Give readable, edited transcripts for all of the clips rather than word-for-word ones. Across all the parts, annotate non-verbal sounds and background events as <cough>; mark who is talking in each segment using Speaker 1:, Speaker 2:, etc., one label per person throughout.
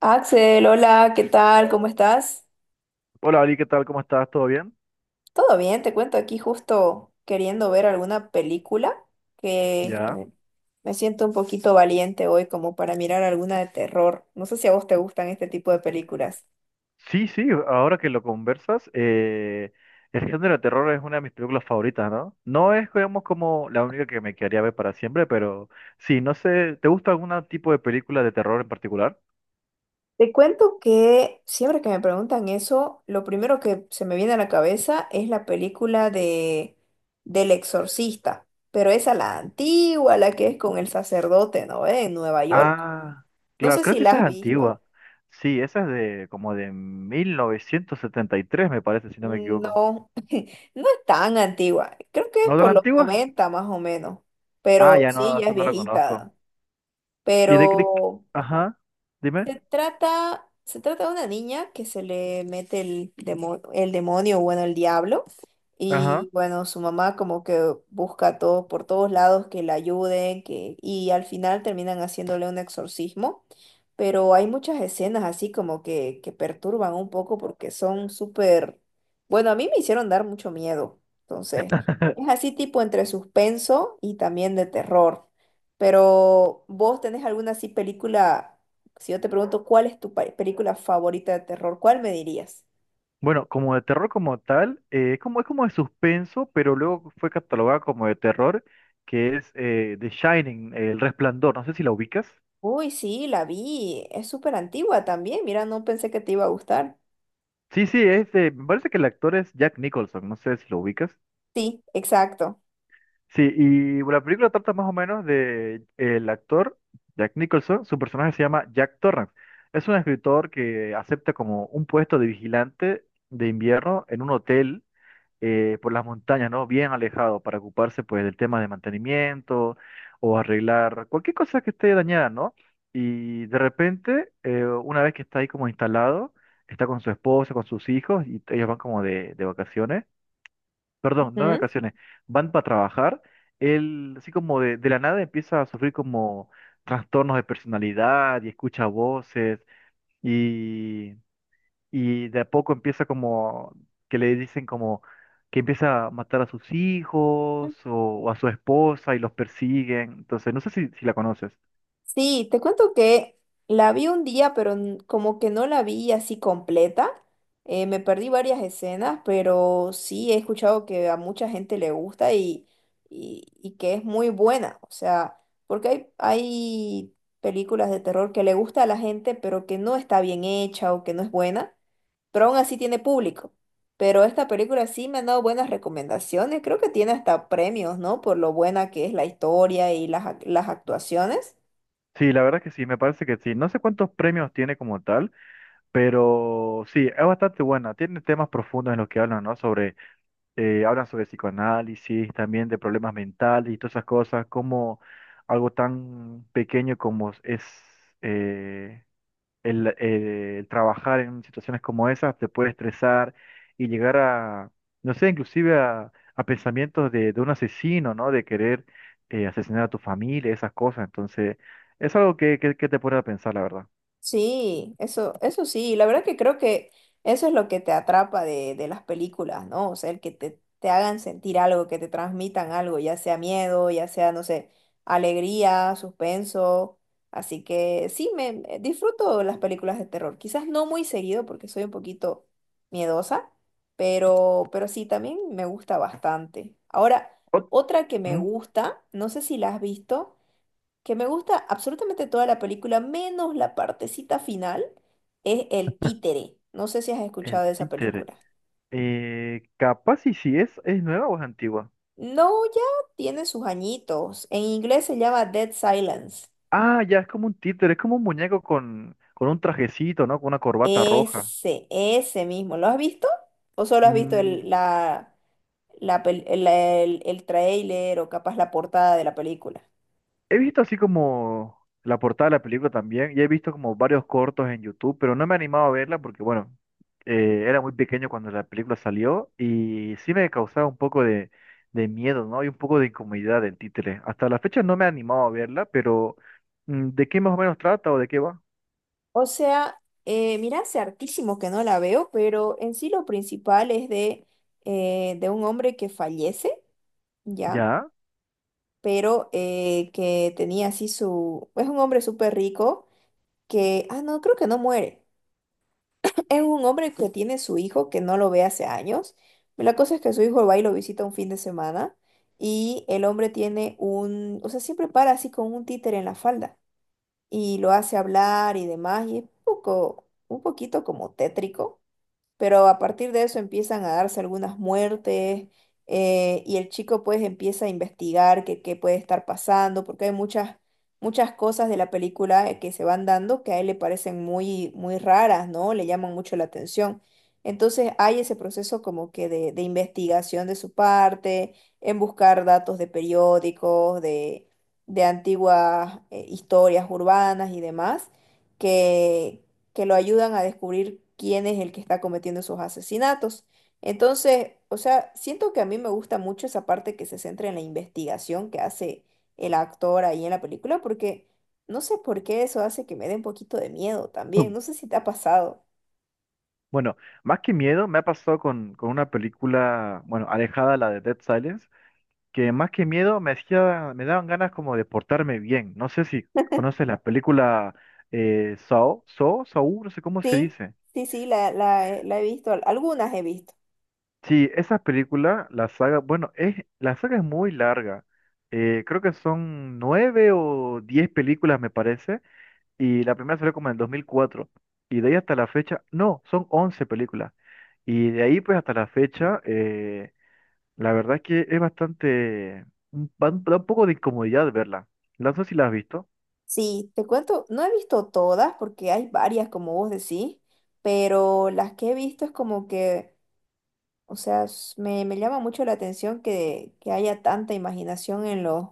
Speaker 1: Axel, hola, ¿qué tal? ¿Cómo estás?
Speaker 2: Hola Ali, ¿qué tal? ¿Cómo estás? ¿Todo bien?
Speaker 1: Todo bien, te cuento aquí justo queriendo ver alguna película que
Speaker 2: Ya.
Speaker 1: me, me siento un poquito valiente hoy como para mirar alguna de terror. No sé si a vos te gustan este tipo de películas.
Speaker 2: Sí, sí, ahora que lo conversas, el género de terror es una de mis películas favoritas, ¿no? No es, digamos, como la única que me quedaría ver para siempre, pero sí, no sé, ¿te gusta algún tipo de película de terror en particular?
Speaker 1: Te cuento que siempre que me preguntan eso, lo primero que se me viene a la cabeza es la película de del Exorcista, pero esa la antigua, la que es con el sacerdote, ¿no? En Nueva York.
Speaker 2: Ah,
Speaker 1: No
Speaker 2: claro,
Speaker 1: sé
Speaker 2: creo
Speaker 1: si
Speaker 2: que
Speaker 1: la
Speaker 2: esa es
Speaker 1: has visto.
Speaker 2: antigua. Sí, esa es de como de 1973, me parece, si no me equivoco.
Speaker 1: No, no es tan antigua, creo que es
Speaker 2: ¿No tan
Speaker 1: por los
Speaker 2: antigua?
Speaker 1: 90 más o menos,
Speaker 2: Ah,
Speaker 1: pero
Speaker 2: ya
Speaker 1: sí,
Speaker 2: no,
Speaker 1: ya
Speaker 2: esa
Speaker 1: es
Speaker 2: no la conozco.
Speaker 1: viejita.
Speaker 2: ¿Y de qué?
Speaker 1: Pero,
Speaker 2: Ajá, dime.
Speaker 1: se trata de una niña que se le mete el demonio, bueno, el diablo.
Speaker 2: Ajá.
Speaker 1: Y bueno, su mamá como que busca todo, por todos lados que la ayuden, que, y al final terminan haciéndole un exorcismo. Pero hay muchas escenas así como que perturban un poco porque son súper, bueno, a mí me hicieron dar mucho miedo. Entonces, es
Speaker 2: <laughs>
Speaker 1: así tipo entre suspenso y también de terror. Pero, ¿vos tenés alguna así película? Si yo te pregunto cuál es tu película favorita de terror, ¿cuál me dirías?
Speaker 2: Bueno, como de terror como tal, es como de suspenso, pero luego fue catalogada como de terror, que es The Shining, El Resplandor, no sé si la ubicas.
Speaker 1: Uy, sí, la vi. Es súper antigua también. Mira, no pensé que te iba a gustar.
Speaker 2: Sí, sí, es de, me parece que el actor es Jack Nicholson, no sé si lo ubicas.
Speaker 1: Sí, exacto.
Speaker 2: Sí, y la película trata más o menos de el actor Jack Nicholson, su personaje se llama Jack Torrance. Es un escritor que acepta como un puesto de vigilante de invierno en un hotel por las montañas, ¿no? Bien alejado para ocuparse pues del tema de mantenimiento o arreglar cualquier cosa que esté dañada, ¿no? Y de repente, una vez que está ahí como instalado, está con su esposa, con sus hijos y ellos van como de vacaciones, perdón, no de vacaciones, van para trabajar, él así como de la nada empieza a sufrir como trastornos de personalidad y escucha voces. Y y de a poco empieza como que le dicen como que empieza a matar a sus hijos
Speaker 1: Ujú.
Speaker 2: o a su esposa y los persiguen. Entonces, no sé si la conoces.
Speaker 1: Sí, te cuento que la vi un día, pero como que no la vi así completa. Me perdí varias escenas, pero sí he escuchado que a mucha gente le y que es muy buena. O sea, porque hay películas de terror que le gusta a la gente, pero que no está bien hecha o que no es buena, pero aún así tiene público. Pero esta película sí me han dado buenas recomendaciones. Creo que tiene hasta premios, ¿no? Por lo buena que es la historia y las las actuaciones.
Speaker 2: Sí, la verdad que sí, me parece que sí. No sé cuántos premios tiene como tal, pero sí, es bastante buena. Tiene temas profundos en los que hablan, ¿no? Sobre, hablan sobre psicoanálisis, también de problemas mentales y todas esas cosas, como algo tan pequeño como es eh, el trabajar en situaciones como esas te puede estresar y llegar a, no sé, inclusive a pensamientos de un asesino, ¿no? De querer asesinar a tu familia, esas cosas. Entonces, es algo que te pone a pensar, la verdad.
Speaker 1: Sí, eso sí, la verdad que creo que eso es lo que te atrapa de las películas, ¿no? O sea, el que te hagan sentir algo, que te transmitan algo, ya sea miedo, ya sea, no sé, alegría, suspenso. Así que sí, disfruto las películas de terror. Quizás no muy seguido porque soy un poquito miedosa, pero sí, también me gusta bastante. Ahora,
Speaker 2: Ot-
Speaker 1: otra que me
Speaker 2: ¿Mm?
Speaker 1: gusta, no sé si la has visto, que me gusta absolutamente toda la película, menos la partecita final, es el títere. No sé si has
Speaker 2: El
Speaker 1: escuchado de esa
Speaker 2: títere.
Speaker 1: película.
Speaker 2: Capaz y si es nueva o es antigua.
Speaker 1: No, ya tiene sus añitos. En inglés se llama Dead Silence.
Speaker 2: Ah, ya, es como un títere, es como un muñeco con un trajecito, ¿no? Con una corbata roja.
Speaker 1: Ese mismo. ¿Lo has visto? ¿O solo has visto
Speaker 2: Mm,
Speaker 1: el tráiler o capaz la portada de la película?
Speaker 2: He visto así como la portada de la película también y he visto como varios cortos en YouTube, pero no me he animado a verla porque, bueno, era muy pequeño cuando la película salió y sí me causaba un poco de miedo, ¿no? Y un poco de incomodidad el títere. Hasta la fecha no me he animado a verla, pero ¿de qué más o menos trata o de qué va?
Speaker 1: O sea, mira, hace hartísimo que no la veo, pero en sí lo principal es de un hombre que fallece, ¿ya?
Speaker 2: ¿Ya?
Speaker 1: Pero que tenía así su... Es un hombre súper rico que... Ah, no, creo que no muere. <laughs> <clears throat> Es un hombre que tiene su hijo que no lo ve hace años. La cosa es que su hijo va y lo visita un fin de semana y el hombre tiene un... O sea, siempre para así con un títere en la falda y lo hace hablar y demás y es un poco, un poquito como tétrico, pero a partir de eso empiezan a darse algunas muertes, y el chico pues empieza a investigar qué puede estar pasando, porque hay muchas cosas de la película que se van dando que a él le parecen muy raras, ¿no? Le llaman mucho la atención. Entonces hay ese proceso como que de investigación de su parte, en buscar datos de periódicos, de antiguas historias urbanas y demás que, que lo ayudan a descubrir quién es el que está cometiendo esos asesinatos. Entonces, o sea, siento que a mí me gusta mucho esa parte que se centra en la investigación que hace el actor ahí en la película, porque no sé por qué eso hace que me dé un poquito de miedo
Speaker 2: <clears throat>
Speaker 1: también.
Speaker 2: Mm.
Speaker 1: No sé si te ha pasado.
Speaker 2: Bueno, más que miedo, me ha pasado con una película, bueno, alejada de la de Dead Silence, que más que miedo me hacía, me daban ganas como de portarme bien. No sé si conoces la película Saw, Saw, Saw, no sé cómo se
Speaker 1: Sí,
Speaker 2: dice.
Speaker 1: sí, sí, la, la he visto, algunas he visto.
Speaker 2: Sí, esa película, la saga, bueno, la saga es muy larga. Creo que son nueve o diez películas, me parece, y la primera salió como en el 2004. Y de ahí hasta la fecha, no, son 11 películas. Y de ahí pues hasta la fecha, la verdad es que es bastante, da un poco de incomodidad verla. No sé si la has visto.
Speaker 1: Sí, te cuento, no he visto todas porque hay varias, como vos decís, pero las que he visto es como que... O sea, me llama mucho la atención que haya tanta imaginación en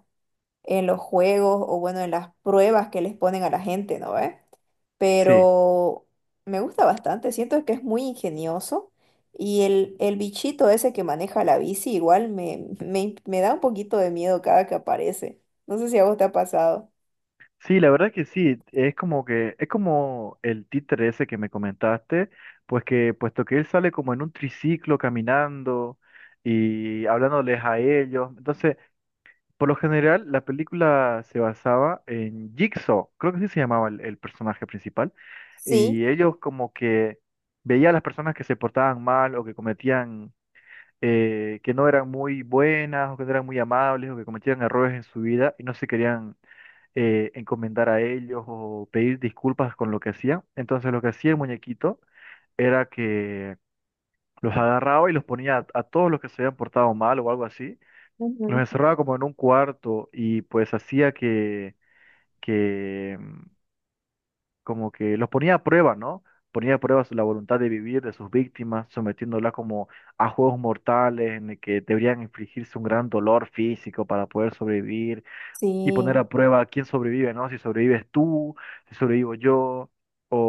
Speaker 1: en los juegos o bueno, en las pruebas que les ponen a la gente, ¿no ve?
Speaker 2: Sí,
Speaker 1: Pero me gusta bastante, siento que es muy ingenioso y el bichito ese que maneja la bici igual me da un poquito de miedo cada que aparece. No sé si a vos te ha pasado.
Speaker 2: sí, la verdad que sí, es como que, es como el títere ese que me comentaste, pues que, puesto que él sale como en un triciclo caminando y hablándoles a ellos, entonces, por lo general, la película se basaba en Jigsaw, creo que sí se llamaba el personaje principal,
Speaker 1: Sí.
Speaker 2: y ellos como que veían a las personas que se portaban mal o que cometían, que no eran muy buenas o que no eran muy amables o que cometían errores en su vida y no se querían encomendar a ellos o pedir disculpas con lo que hacían. Entonces lo que hacía el muñequito era que los agarraba y los ponía a todos los que se habían portado mal o algo así, los
Speaker 1: Ujú.
Speaker 2: encerraba como en un cuarto y pues hacía que, como que los ponía a prueba, ¿no? Ponía a prueba la voluntad de vivir de sus víctimas, sometiéndolas como a juegos mortales en el que deberían infligirse un gran dolor físico para poder sobrevivir y poner
Speaker 1: Sí,
Speaker 2: a prueba quién sobrevive, ¿no? Si sobrevives tú, si sobrevivo yo,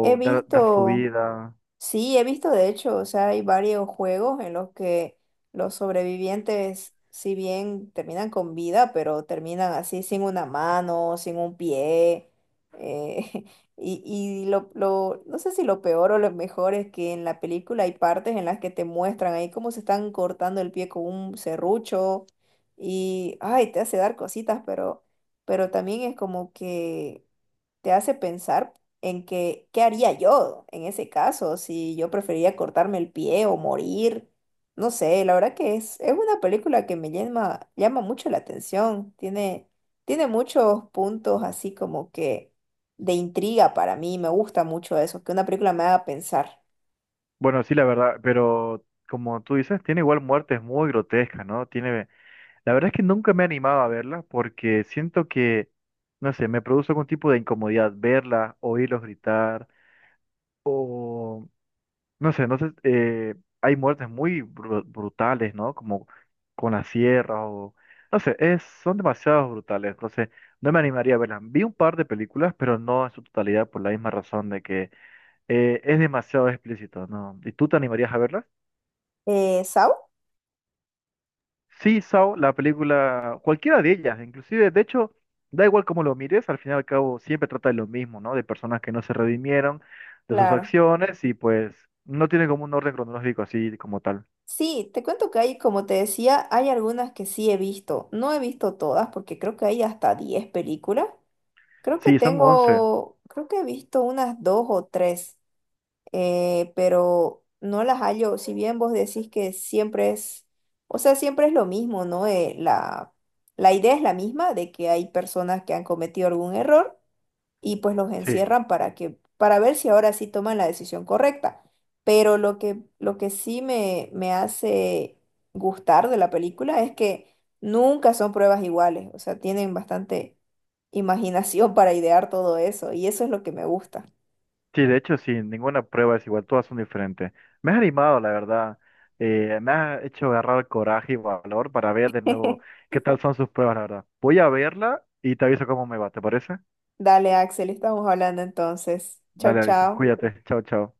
Speaker 1: he
Speaker 2: dar su
Speaker 1: visto.
Speaker 2: vida.
Speaker 1: Sí, he visto de hecho, o sea, hay varios juegos en los que los sobrevivientes, si bien terminan con vida, pero terminan así sin una mano, sin un pie. eh, <laughs> no sé si lo peor o lo mejor es que en la película hay partes en las que te muestran ahí cómo se están cortando el pie con un serrucho y, ay, te hace dar cositas, pero también es como que te hace pensar en que, ¿qué haría yo en ese caso? Si yo preferiría cortarme el pie o morir. No sé, la verdad que es una película que me llama mucho la atención. Tiene muchos puntos así como que de intriga para mí. Me gusta mucho eso, que una película me haga pensar.
Speaker 2: Bueno, sí, la verdad, pero como tú dices, tiene igual muertes muy grotescas, ¿no? Tiene, la verdad es que nunca me he animado a verla porque siento que, no sé, me produce algún tipo de incomodidad verla, oírlos gritar o... No sé, entonces hay muertes muy brutales, ¿no? Como con la sierra o... No sé, son demasiado brutales, entonces no me animaría a verlas. Vi un par de películas, pero no en su totalidad por la misma razón de que es demasiado explícito, ¿no? ¿Y tú te animarías a verlas?
Speaker 1: ¿Saw?
Speaker 2: Sí, Saw, la película, cualquiera de ellas, inclusive, de hecho, da igual cómo lo mires, al final y al cabo siempre trata de lo mismo, ¿no? De personas que no se redimieron de sus
Speaker 1: Claro.
Speaker 2: acciones y pues no tiene como un orden cronológico así como tal.
Speaker 1: Sí, te cuento que hay, como te decía, hay algunas que sí he visto. No he visto todas porque creo que hay hasta 10 películas. Creo que
Speaker 2: Sí, son 11.
Speaker 1: tengo, creo que he visto unas dos o tres, pero no las hallo. Si bien vos decís que siempre es, o sea, siempre es lo mismo, ¿no? La idea es la misma de que hay personas que han cometido algún error y pues los
Speaker 2: Sí,
Speaker 1: encierran para que, para ver si ahora sí toman la decisión correcta. Pero lo que sí me hace gustar de la película es que nunca son pruebas iguales, o sea, tienen bastante imaginación <laughs> para idear todo eso y eso es lo que me gusta.
Speaker 2: sí, de hecho, sí, ninguna prueba es igual, todas son diferentes. Me has animado, la verdad. Me has hecho agarrar coraje y valor para ver de nuevo
Speaker 1: <laughs>
Speaker 2: qué tal son sus pruebas, la verdad. Voy a verla y te aviso cómo me va, ¿te parece?
Speaker 1: Dale, Axel, estamos hablando entonces. Chao,
Speaker 2: Dale, Alison,
Speaker 1: chao.
Speaker 2: cuídate. Chao, chao.